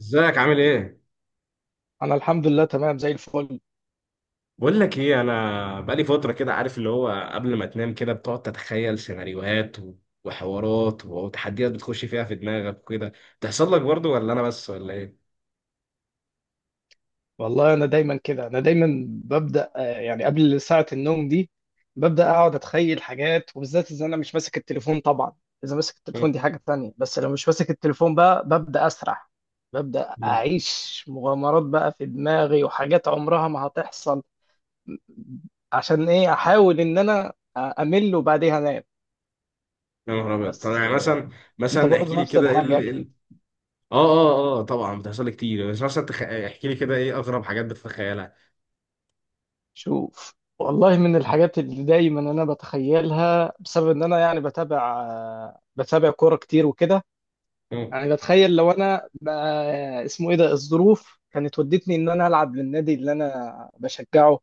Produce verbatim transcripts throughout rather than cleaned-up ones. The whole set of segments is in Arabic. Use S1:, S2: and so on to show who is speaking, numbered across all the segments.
S1: ازيك؟ عامل ايه؟
S2: انا الحمد لله تمام زي الفل.
S1: بقول لك ايه، انا بقالي فتره كده، عارف اللي هو قبل ما تنام كده بتقعد تتخيل سيناريوهات و- وحوارات و- وتحديات بتخش فيها في دماغك وكده. بتحصل لك برضو ولا انا بس ولا ايه؟
S2: والله انا دايما كده، انا دايما ببدا آه، يعني قبل ساعه النوم دي ببدا اقعد اتخيل حاجات، وبالذات اذا انا مش ماسك التليفون طبعا. اذا ماسك التليفون
S1: مم.
S2: دي حاجه تانية، بس لو مش ماسك التليفون بقى ببدا اسرح. ببدا
S1: مم.
S2: اعيش مغامرات بقى في دماغي، وحاجات عمرها ما هتحصل. عشان ايه؟ احاول ان انا امل وبعديها انام.
S1: يا نهار ابيض! طب
S2: بس
S1: يعني مثلا،
S2: آه، انت
S1: مثلا احكي
S2: برضه
S1: لي
S2: نفس
S1: كده، ايه
S2: الحاجه
S1: ال... إيه ال-
S2: اكيد.
S1: اه اه اه آه، طبعا بتحصل لي كتير، بس مثلا تخ... احكي لي كده ايه اغرب حاجات بتتخيلها.
S2: شوف والله، من الحاجات اللي دايما انا بتخيلها بسبب ان انا يعني بتابع بتابع كوره كتير وكده،
S1: مم.
S2: يعني بتخيل لو انا بقى- اسمه ايه ده، الظروف كانت ودتني ان انا العب للنادي اللي انا بشجعه،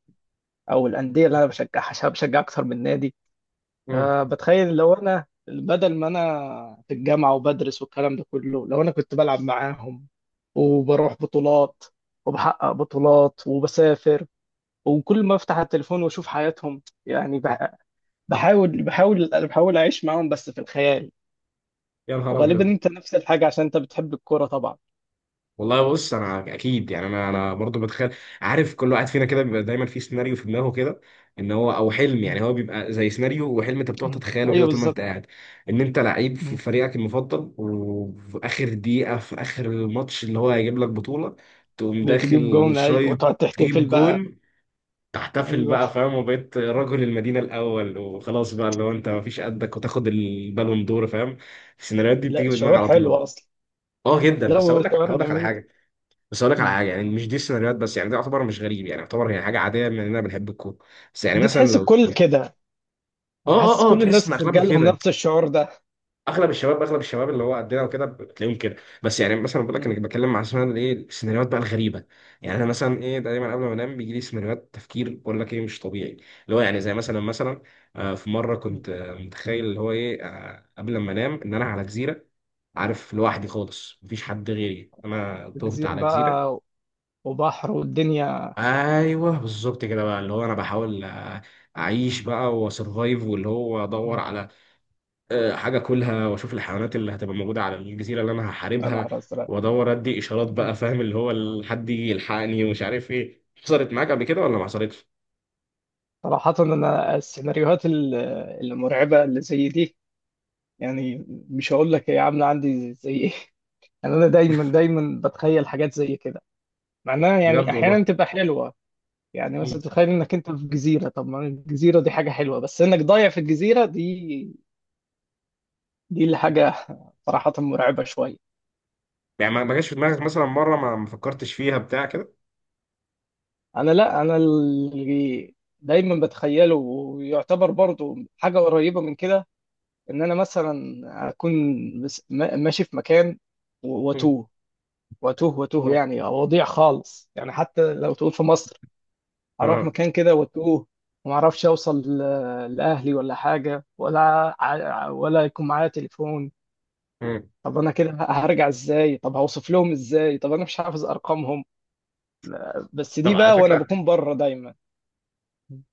S2: او الانديه اللي انا بشجعها عشان بشجع اكتر من نادي.
S1: مم.
S2: آه، بتخيل لو انا بدل ما انا في الجامعه وبدرس والكلام ده كله، لو انا كنت بلعب معاهم وبروح بطولات وبحقق بطولات وبسافر، وكل ما افتح التليفون واشوف حياتهم يعني بح- بحاول بحاول بحاول اعيش معاهم بس في الخيال.
S1: يا نهار
S2: وغالبا
S1: ابيض.
S2: انت نفس الحاجه عشان انت بتحب الكوره طبعا.
S1: والله بص انا اكيد يعني انا انا برضه بتخيل. عارف، كل واحد فينا كده بيبقى دايما في سيناريو في دماغه كده، ان هو او حلم، يعني
S2: مم.
S1: هو بيبقى زي سيناريو وحلم انت بتقعد
S2: مم.
S1: تتخيله كده
S2: ايوه
S1: طول ما انت
S2: بالظبط.
S1: قاعد، ان انت لعيب في
S2: مم.
S1: فريقك المفضل، وفي اخر دقيقه في اخر الماتش اللي هو هيجيب لك بطوله، تقوم
S2: بتجيب
S1: داخل
S2: جون، ايوه،
S1: شايط،
S2: وتقعد تحتفل
S1: تجيب
S2: بقى.
S1: جون، تحتفل
S2: ايوه.
S1: بقى، فاهم؟ وبقيت رجل المدينه الاول، وخلاص بقى اللي هو انت مفيش قدك، وتاخد البالون دور، فاهم؟ السيناريوهات دي بتيجي
S2: لا
S1: في دماغي
S2: شعور
S1: على
S2: حلو
S1: طول.
S2: اصلا.
S1: اه
S2: مم.
S1: جدا،
S2: لا
S1: بس
S2: هو
S1: هقول لك
S2: شعور
S1: هقول لك على
S2: جميل.
S1: حاجه. بس اقول لك على
S2: مم.
S1: حاجه يعني، مش دي السيناريوهات بس، يعني ده يعتبر مش غريب، يعني يعتبر هي حاجه عاديه من اننا بنحب الكوره. بس يعني
S2: دي
S1: مثلا
S2: تحس
S1: لو
S2: الكل
S1: اه،
S2: كده. انا
S1: اه
S2: حاسس
S1: اه
S2: كل
S1: تحس ان
S2: الناس
S1: اغلبنا
S2: جالهم
S1: كده.
S2: نفس الشعور ده.
S1: اغلب الشباب، اغلب الشباب اللي هو قدنا وكده بتلاقيهم كده. بس يعني مثلا بقول لك،
S2: مم.
S1: انا بتكلم مع اسمها ايه، السيناريوهات بقى الغريبه. يعني انا مثلا ايه، دايما قبل ما انام بيجي لي سيناريوهات تفكير، بقول لك ايه، مش طبيعي. اللي هو يعني زي مثلا، مثلا آه، في مره
S2: مم.
S1: كنت آه، متخيل اللي هو ايه، آه، قبل ما انام ان انا على جزيره. عارف، لوحدي خالص، مفيش حد غيري، انا تهت
S2: الجزيره
S1: على جزيره.
S2: بقى وبحر والدنيا.
S1: ايوه بالظبط كده بقى، اللي هو انا بحاول آه، اعيش بقى واسرفايف، واللي هو ادور
S2: مم.
S1: على آه، حاجه كلها، واشوف الحيوانات اللي هتبقى موجوده على الجزيره اللي انا
S2: انا على
S1: هحاربها.
S2: الازرق.
S1: وادور ادي اشارات بقى، فاهم؟ اللي هو ال- حد يجي يلحقني، ومش عارف ايه حصلت معاك قبل كده ولا ما حصلتش.
S2: صراحة أنا السيناريوهات ال- المرعبة اللي زي دي، يعني مش هقول لك هي عاملة عندي زي إيه. يعني أنا دايما دايما بتخيل حاجات زي كده، مع إنها يعني
S1: بجد والله.
S2: أحيانا تبقى حلوة. يعني مثلا
S1: مم.
S2: تتخيل إنك أنت في جزيرة، طب ما الجزيرة دي حاجة حلوة، بس إنك ضايع في الجزيرة دي، دي اللي حاجة صراحة مرعبة شوية.
S1: يعني ما ما جاش في دماغك مثلا مره، ما ما فكرتش فيها بتاع كده؟
S2: أنا لا أنا اللي دايما بتخيله، ويعتبر برضو حاجة قريبة من كده، إن أنا مثلا أكون مس- ما- ماشي في مكان و-
S1: مم.
S2: وأتوه، واتوه واتوه يعني وضيع خالص، يعني حتى لو تقول في مصر اروح
S1: آه.
S2: مكان كده واتوه، وما اعرفش اوصل ل- لاهلي ولا حاجه، ولا ع- ولا يكون معايا تليفون.
S1: مم.
S2: طب انا كده هرجع ازاي؟ طب هوصف لهم ازاي؟ طب انا مش حافظ ارقامهم. بس
S1: طب
S2: دي
S1: على
S2: بقى وانا
S1: فكره،
S2: بكون بره دايما.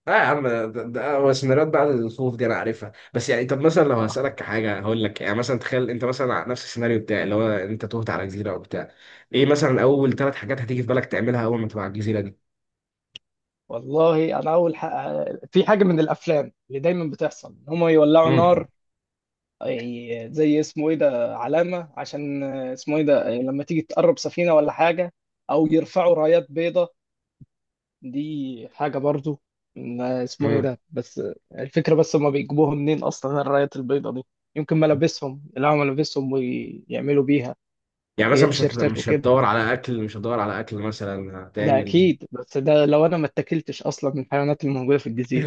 S1: اه يا عم، ده, ده هو سيناريوهات بعد الخوف دي انا عارفها. بس يعني طب مثلا لو هسألك
S2: آه.
S1: كحاجة هقول لك، يعني مثلا تخيل انت مثلا على نفس السيناريو بتاعي، اللي هو انت تهت على جزيرة او بتاع، ايه مثلا اول ثلاث حاجات هتيجي في بالك تعملها اول ما تبقى على الجزيرة دي؟
S2: والله انا اول حق... في حاجه من الافلام اللي دايما بتحصل، هم يولعوا
S1: مم.
S2: نار. أي- زي اسمه ايه ده، علامة عشان اسمه ايه ده لما تيجي تقرب سفينة ولا حاجة، او يرفعوا رايات بيضة. دي حاجة برضو، ما اسمه ايه
S1: مم.
S2: ده، بس الفكرة، بس هما بيجيبوها منين اصلا الرايات البيضة دي؟ يمكن ملابسهم، يلاقوا ملابسهم ويعملوا بيها،
S1: يعني
S2: هي
S1: مثلا مش هت...
S2: تيشيرتات
S1: مش
S2: وكده.
S1: هتدور على اكل؟ مش هتدور على اكل مثلا؟
S2: ده
S1: هتعمل...
S2: اكيد، بس ده لو انا ما اتكلتش اصلا من الحيوانات الموجودة في الجزيرة،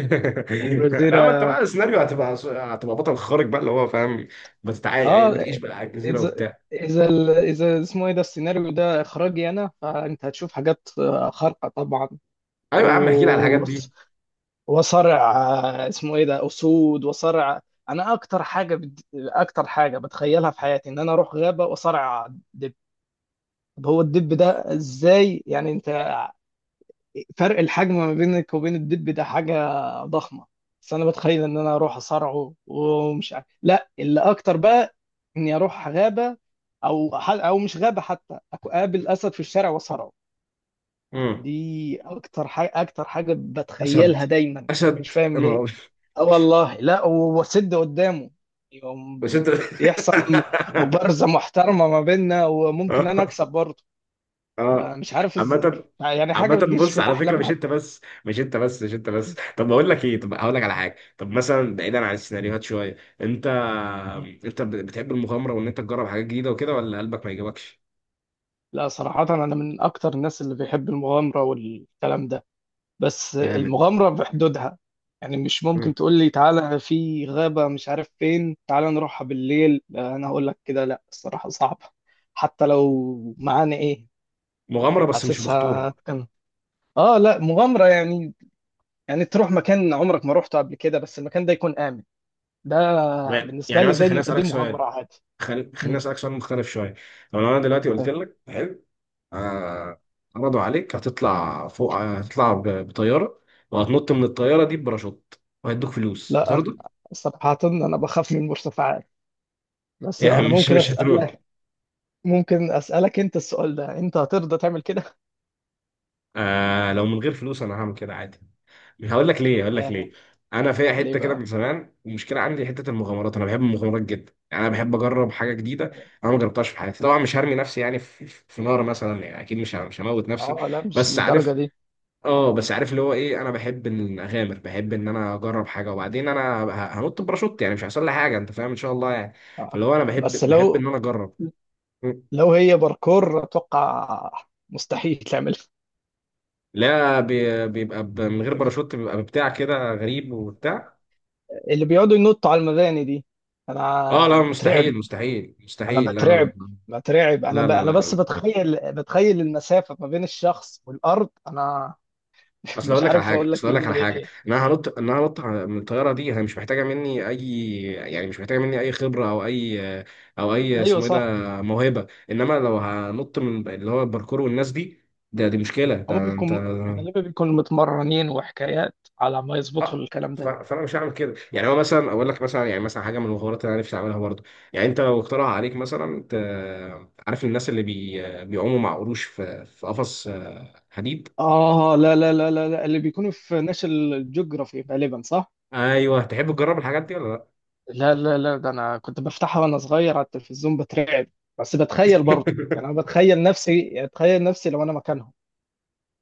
S2: يعني الجزيرة.
S1: لا، ما انت بقى السيناريو هتبقى هتبقى بطل خارق بقى، اللي هو فاهم، بتتعايش
S2: اه.
S1: بتعيش بقى على الجزيرة
S2: اذا
S1: وبتاع.
S2: اذا ال- اذا اسمه ايه ده، السيناريو ده اخراجي انا، فانت هتشوف حاجات آه، خارقه طبعا.
S1: ايوه يا عم، احكي لي على الحاجات
S2: و-
S1: دي.
S2: وصرع، آه، اسمه ايه ده، اسود وصرع. انا اكتر حاجه بد... اكتر حاجه بتخيلها في حياتي، ان انا اروح غابه واصرع دب. طب هو الدب ده ازاي يعني انت؟ فرق الحجم ما بينك وبين الدب ده حاجة ضخمة، بس انا بتخيل ان انا اروح اصارعه. ومش عارف لا اللي اكتر بقى، اني اروح غابة، او ح- او مش غابة حتى، أك- اقابل اسد في الشارع واصارعه.
S1: مم.
S2: دي اكتر حاجة اكتر حاجة
S1: اشد،
S2: بتخيلها دايما. مش
S1: اشد
S2: فاهم
S1: يا نهار
S2: ليه.
S1: أبيض.
S2: اه والله، لا و- واسد قدامه يوم،
S1: مش انت؟
S2: بيحصل م- مبارزة محترمة ما بيننا، وممكن انا
S1: اه
S2: اكسب برضه. ما-
S1: اه.
S2: مش عارف ازاي،
S1: عامة،
S2: يعني حاجة
S1: عامة
S2: بتجيش في
S1: بص على فكرة،
S2: الاحلام
S1: مش انت
S2: حتى.
S1: بس مش انت بس مش انت بس. طب بقول لك ايه، طب هقول لك على حاجة، طب مثلا بعيدا عن السيناريوهات شوية، انت انت بتحب المغامرة وان انت تجرب حاجات جديدة وكده، ولا قلبك ما يجيبكش؟
S2: لا صراحة، أنا من أكتر الناس اللي بيحب المغامرة والكلام ده، بس
S1: جامد.
S2: المغامرة بحدودها. يعني مش
S1: مم.
S2: ممكن تقول لي تعالى في غابة مش عارف فين تعالى نروحها بالليل، لا، أنا هقول لك كده لا، الصراحة صعبة. حتى لو معانا إيه،
S1: مغامرة بس مش بخطورة.
S2: حاسسها كان. آه لا، مغامرة يعني، يعني تروح مكان عمرك ما روحته قبل كده، بس المكان ده يكون آمن. ده بالنسبة
S1: يعني
S2: لي
S1: مثلا خليني
S2: دي دي
S1: اسألك
S2: مغامرة
S1: سؤال،
S2: عادي.
S1: خل... خليني
S2: مم.
S1: اسألك سؤال مختلف شوية. طب لو انا دلوقتي قلت
S2: طيب.
S1: لك، حلو، آه، عرضوا عليك هتطلع فوق، هتطلع ب- بطياره، وهتنط من الطياره دي بباراشوت، وهيدوك فلوس،
S2: لا أنا
S1: هترضى؟
S2: صراحة أنا بخاف من المرتفعات، بس
S1: يعني
S2: أنا
S1: مش،
S2: ممكن
S1: مش هتروح؟
S2: أسألك، ممكن اسالك انت السؤال ده، انت هترضى تعمل كده؟
S1: آه، لو من غير فلوس انا هعمل كده عادي. هقول لك ليه هقول لك
S2: ياه.
S1: ليه انا فيها
S2: ليه
S1: حته كده
S2: بقى؟
S1: من زمان، المشكله عندي حته المغامرات، انا بحب المغامرات جدا، يعني انا بحب اجرب حاجه جديده انا ما جربتهاش في حياتي. طبعا مش هرمي نفسي يعني في، في نار مثلا، يعني اكيد مش ه- مش هموت نفسي.
S2: اه لا مش
S1: بس
S2: للدرجه
S1: عارف،
S2: دي.
S1: اه بس عارف اللي هو ايه، انا بحب ان اغامر، بحب ان انا اجرب حاجه، وبعدين انا ه- هنط باراشوت، يعني مش هيحصل لي حاجه، انت فاهم، ان شاء الله، يعني.
S2: آه.
S1: فاللي هو انا
S2: بس
S1: بحب بحب
S2: لو،
S1: ان انا اجرب. مم.
S2: لو هي باركور اتوقع مستحيل تعملها.
S1: لا، بي- بيبقى ب- من غير باراشوت بيبقى بتاع كده غريب وبتاع.
S2: اللي بيقعدوا ينطوا على المباني دي،
S1: اه
S2: انا
S1: لا،
S2: انا بترعب.
S1: مستحيل مستحيل
S2: انا
S1: مستحيل، لا لا.
S2: بترعب، بترعب. انا
S1: لا
S2: ب...
S1: لا لا
S2: انا
S1: لا
S2: بس
S1: لا.
S2: بتخيل بتخيل المسافه ما بين الشخص والارض، انا
S1: اصل
S2: مش
S1: اقول لك على
S2: عارف
S1: حاجه،
S2: اقول لك
S1: اصل اقول لك
S2: بيجي
S1: على
S2: لي
S1: حاجه
S2: ايه.
S1: ان انا هنط، ان انا هنط على- من الطياره دي هي مش محتاجه مني اي، يعني مش محتاجه مني اي خبره او اي، او اي
S2: ايوه
S1: اسمه ايه
S2: صح.
S1: ده، موهبه. انما لو هنط من اللي هو الباركور والناس دي، ده دي مشكله،
S2: هم
S1: ده انت...
S2: بيكون غالبا بيكونوا متمرنين وحكايات على ما يظبطوا
S1: اه،
S2: الكلام
S1: ف-
S2: ده.
S1: فانا مش هعمل كده. يعني هو مثلا اقول لك مثلا، يعني مثلا حاجه من الحوارات اللي انا نفسي اعملها برضه، يعني انت لو اقترح عليك مثلا، انت عارف الناس اللي بي... بيعوموا مع قروش في، في قفص آه، حديد؟
S2: آه لا لا لا لا لا. اللي بيكونوا في ناشونال جيوغرافي غالبا، صح؟
S1: ايوه، تحب تجرب الحاجات دي ولا
S2: لا لا لا، ده أنا كنت بفتحها وأنا صغير على التلفزيون بترعب، بس
S1: لا؟
S2: بتخيل برضه. يعني أنا بتخيل نفسي، أتخيل نفسي لو أنا مكانهم.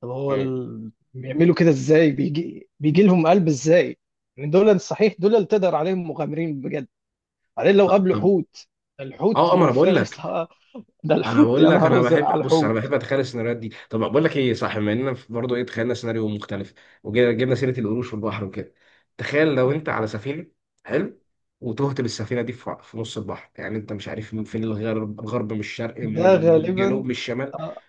S2: طب هو ال... بيعملوا كده إزاي؟ بيجي بيجي لهم قلب إزاي؟ يعني دول صحيح، دول اللي تقدر عليهم مغامرين بجد. بعدين لو
S1: طب
S2: قابلوا حوت؟ الحوت
S1: اه، آه، ما انا بقول
S2: مفترس
S1: لك،
S2: آه، ده
S1: انا
S2: الحوت، يا
S1: بقول لك
S2: نهار
S1: انا
S2: أزرق على
S1: بحب، بص انا
S2: الحوت.
S1: بحب اتخيل السيناريوهات دي. طب بقول لك ايه، صح، بما اننا برضه ايه، تخيلنا سيناريو مختلف وجبنا سيره القروش والبحر وكده، تخيل لو انت على سفينه، حلو، وتهت بالسفينه دي في، في نص البحر، يعني انت مش عارف من فين الغرب، الغرب من الشرق،
S2: ده
S1: من الجنوب،
S2: غالبا،
S1: من الشمال.
S2: آه،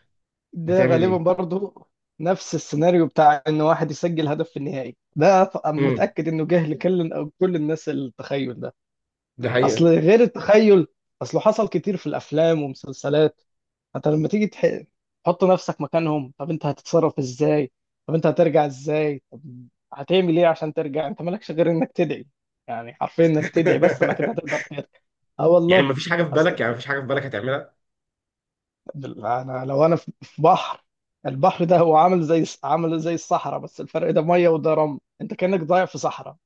S2: ده
S1: هتعمل
S2: غالبا
S1: ايه؟
S2: برضو نفس السيناريو بتاع ان واحد يسجل هدف في النهائي ده، ط- أنا
S1: امم.
S2: متأكد انه جه لكل او كل الناس التخيل ده.
S1: ده
S2: اصل
S1: حقيقه.
S2: غير التخيل، اصله حصل كتير في الافلام ومسلسلات، انت لما تيجي تح- تحط نفسك مكانهم، طب انت هتتصرف ازاي؟ طب انت هترجع ازاي؟ طب هتعمل ايه عشان ترجع؟ انت مالكش غير انك تدعي، يعني حرفيا انك تدعي بس انك انت هتقدر ترجع. اه
S1: يعني
S2: والله.
S1: مفيش حاجه في بالك، يعني مفيش حاجه في بالك هتعملها؟
S2: انا لو انا في في بحر، البحر ده هو عامل زي عامل زي الصحراء، بس الفرق ده ميه وده رمل. انت كأنك ضايع في صحراء،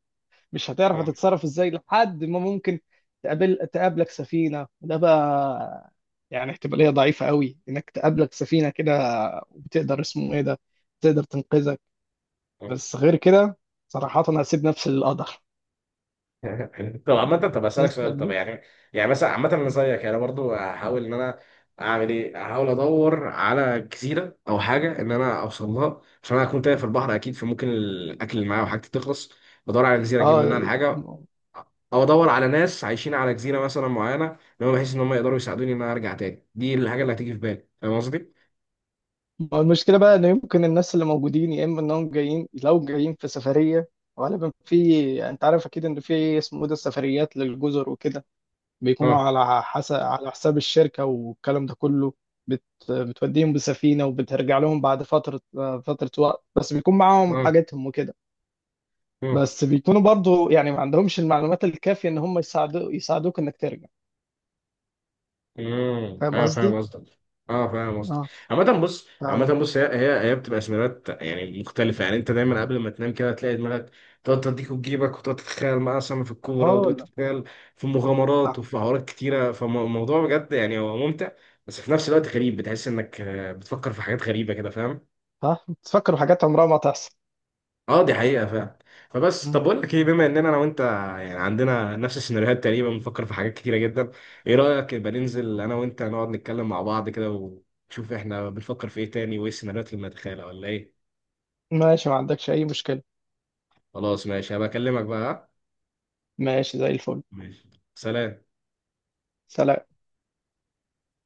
S2: مش هتعرف
S1: آه،
S2: هتتصرف ازاي، لحد ما ممكن تقابل تقابلك سفينة، وده بقى يعني احتمالية ضعيفة قوي انك تقابلك سفينة كده، وتقدر اسمه ايه ده تقدر تنقذك.
S1: آه.
S2: بس غير كده صراحة انا هسيب نفسي للقدر
S1: طب عامة، طب اسألك
S2: نسبة
S1: سؤال، طب
S2: كبيرة.
S1: يعني، يعني مثلا عامة انا زيك يعني، برضو هحاول ان انا اعمل ايه؟ هحاول ادور على جزيرة او حاجة ان انا اوصل لها، عشان انا هكون تايه في البحر اكيد، فممكن الاكل اللي معايا وحاجتي تخلص، بدور على جزيرة اجيب منها
S2: اه.
S1: الحاجة، او ادور على ناس عايشين على جزيرة مثلا معينة، ان هم بحيث ان هم يقدروا يساعدوني ان انا ارجع تاني. دي الحاجة اللي هتيجي في بالي، فاهم قصدي؟
S2: ما هو المشكلة بقى، إن يمكن الناس اللي موجودين يا إما إنهم جايين، لو جايين في سفرية، غالبا في، أنت عارف أكيد إن في اسمه إيه ده السفريات للجزر وكده، بيكونوا
S1: اه
S2: على حسب على حساب الشركة والكلام ده كله. بت... بتوديهم بسفينة وبترجع لهم بعد فترة، فترة وقت، بس بيكون معاهم
S1: اه.
S2: حاجاتهم وكده.
S1: آه.
S2: بس بيكونوا برضو يعني ما عندهمش المعلومات الكافية إن هم يساعدو... يساعدوك إنك ترجع.
S1: امم،
S2: فاهم
S1: اه
S2: قصدي؟
S1: فاهم قصدك. اه فاهم قصدك.
S2: اه.
S1: عامة بص،
S2: ف-
S1: عامة بص هي هي هي بتبقى سيناريوهات يعني مختلفة، يعني انت دايما قبل ما تنام كده تلاقي دماغك تقعد تديك وتجيبك، وتقعد تتخيل معاه سما في الكورة،
S2: اه
S1: وتقعد
S2: لا.
S1: تتخيل في مغامرات
S2: آه.
S1: وفي حوارات كتيرة. فالموضوع بجد يعني هو ممتع، بس في نفس الوقت غريب، بتحس انك آه، بتفكر في حاجات غريبة كده، فاهم؟
S2: آه. تفكروا حاجات عمرها ما تحصل.
S1: اه دي حقيقة فعلا. فبس طب بقول لك ايه، بما اننا انا وانت يعني عندنا نفس السيناريوهات تقريبا، بنفكر في حاجات كتيرة جدا، ايه رأيك يبقى ننزل انا وانت نقعد نتكلم مع بعض كده، ونشوف احنا بنفكر في ايه تاني، وايه السيناريوهات اللي بنتخيلها ولا ايه؟
S2: ماشي، ما عندكش أي مشكلة.
S1: خلاص، ماشي، هبقى اكلمك بقى، ها؟
S2: ماشي زي الفل.
S1: ماشي. سلام.
S2: سلام.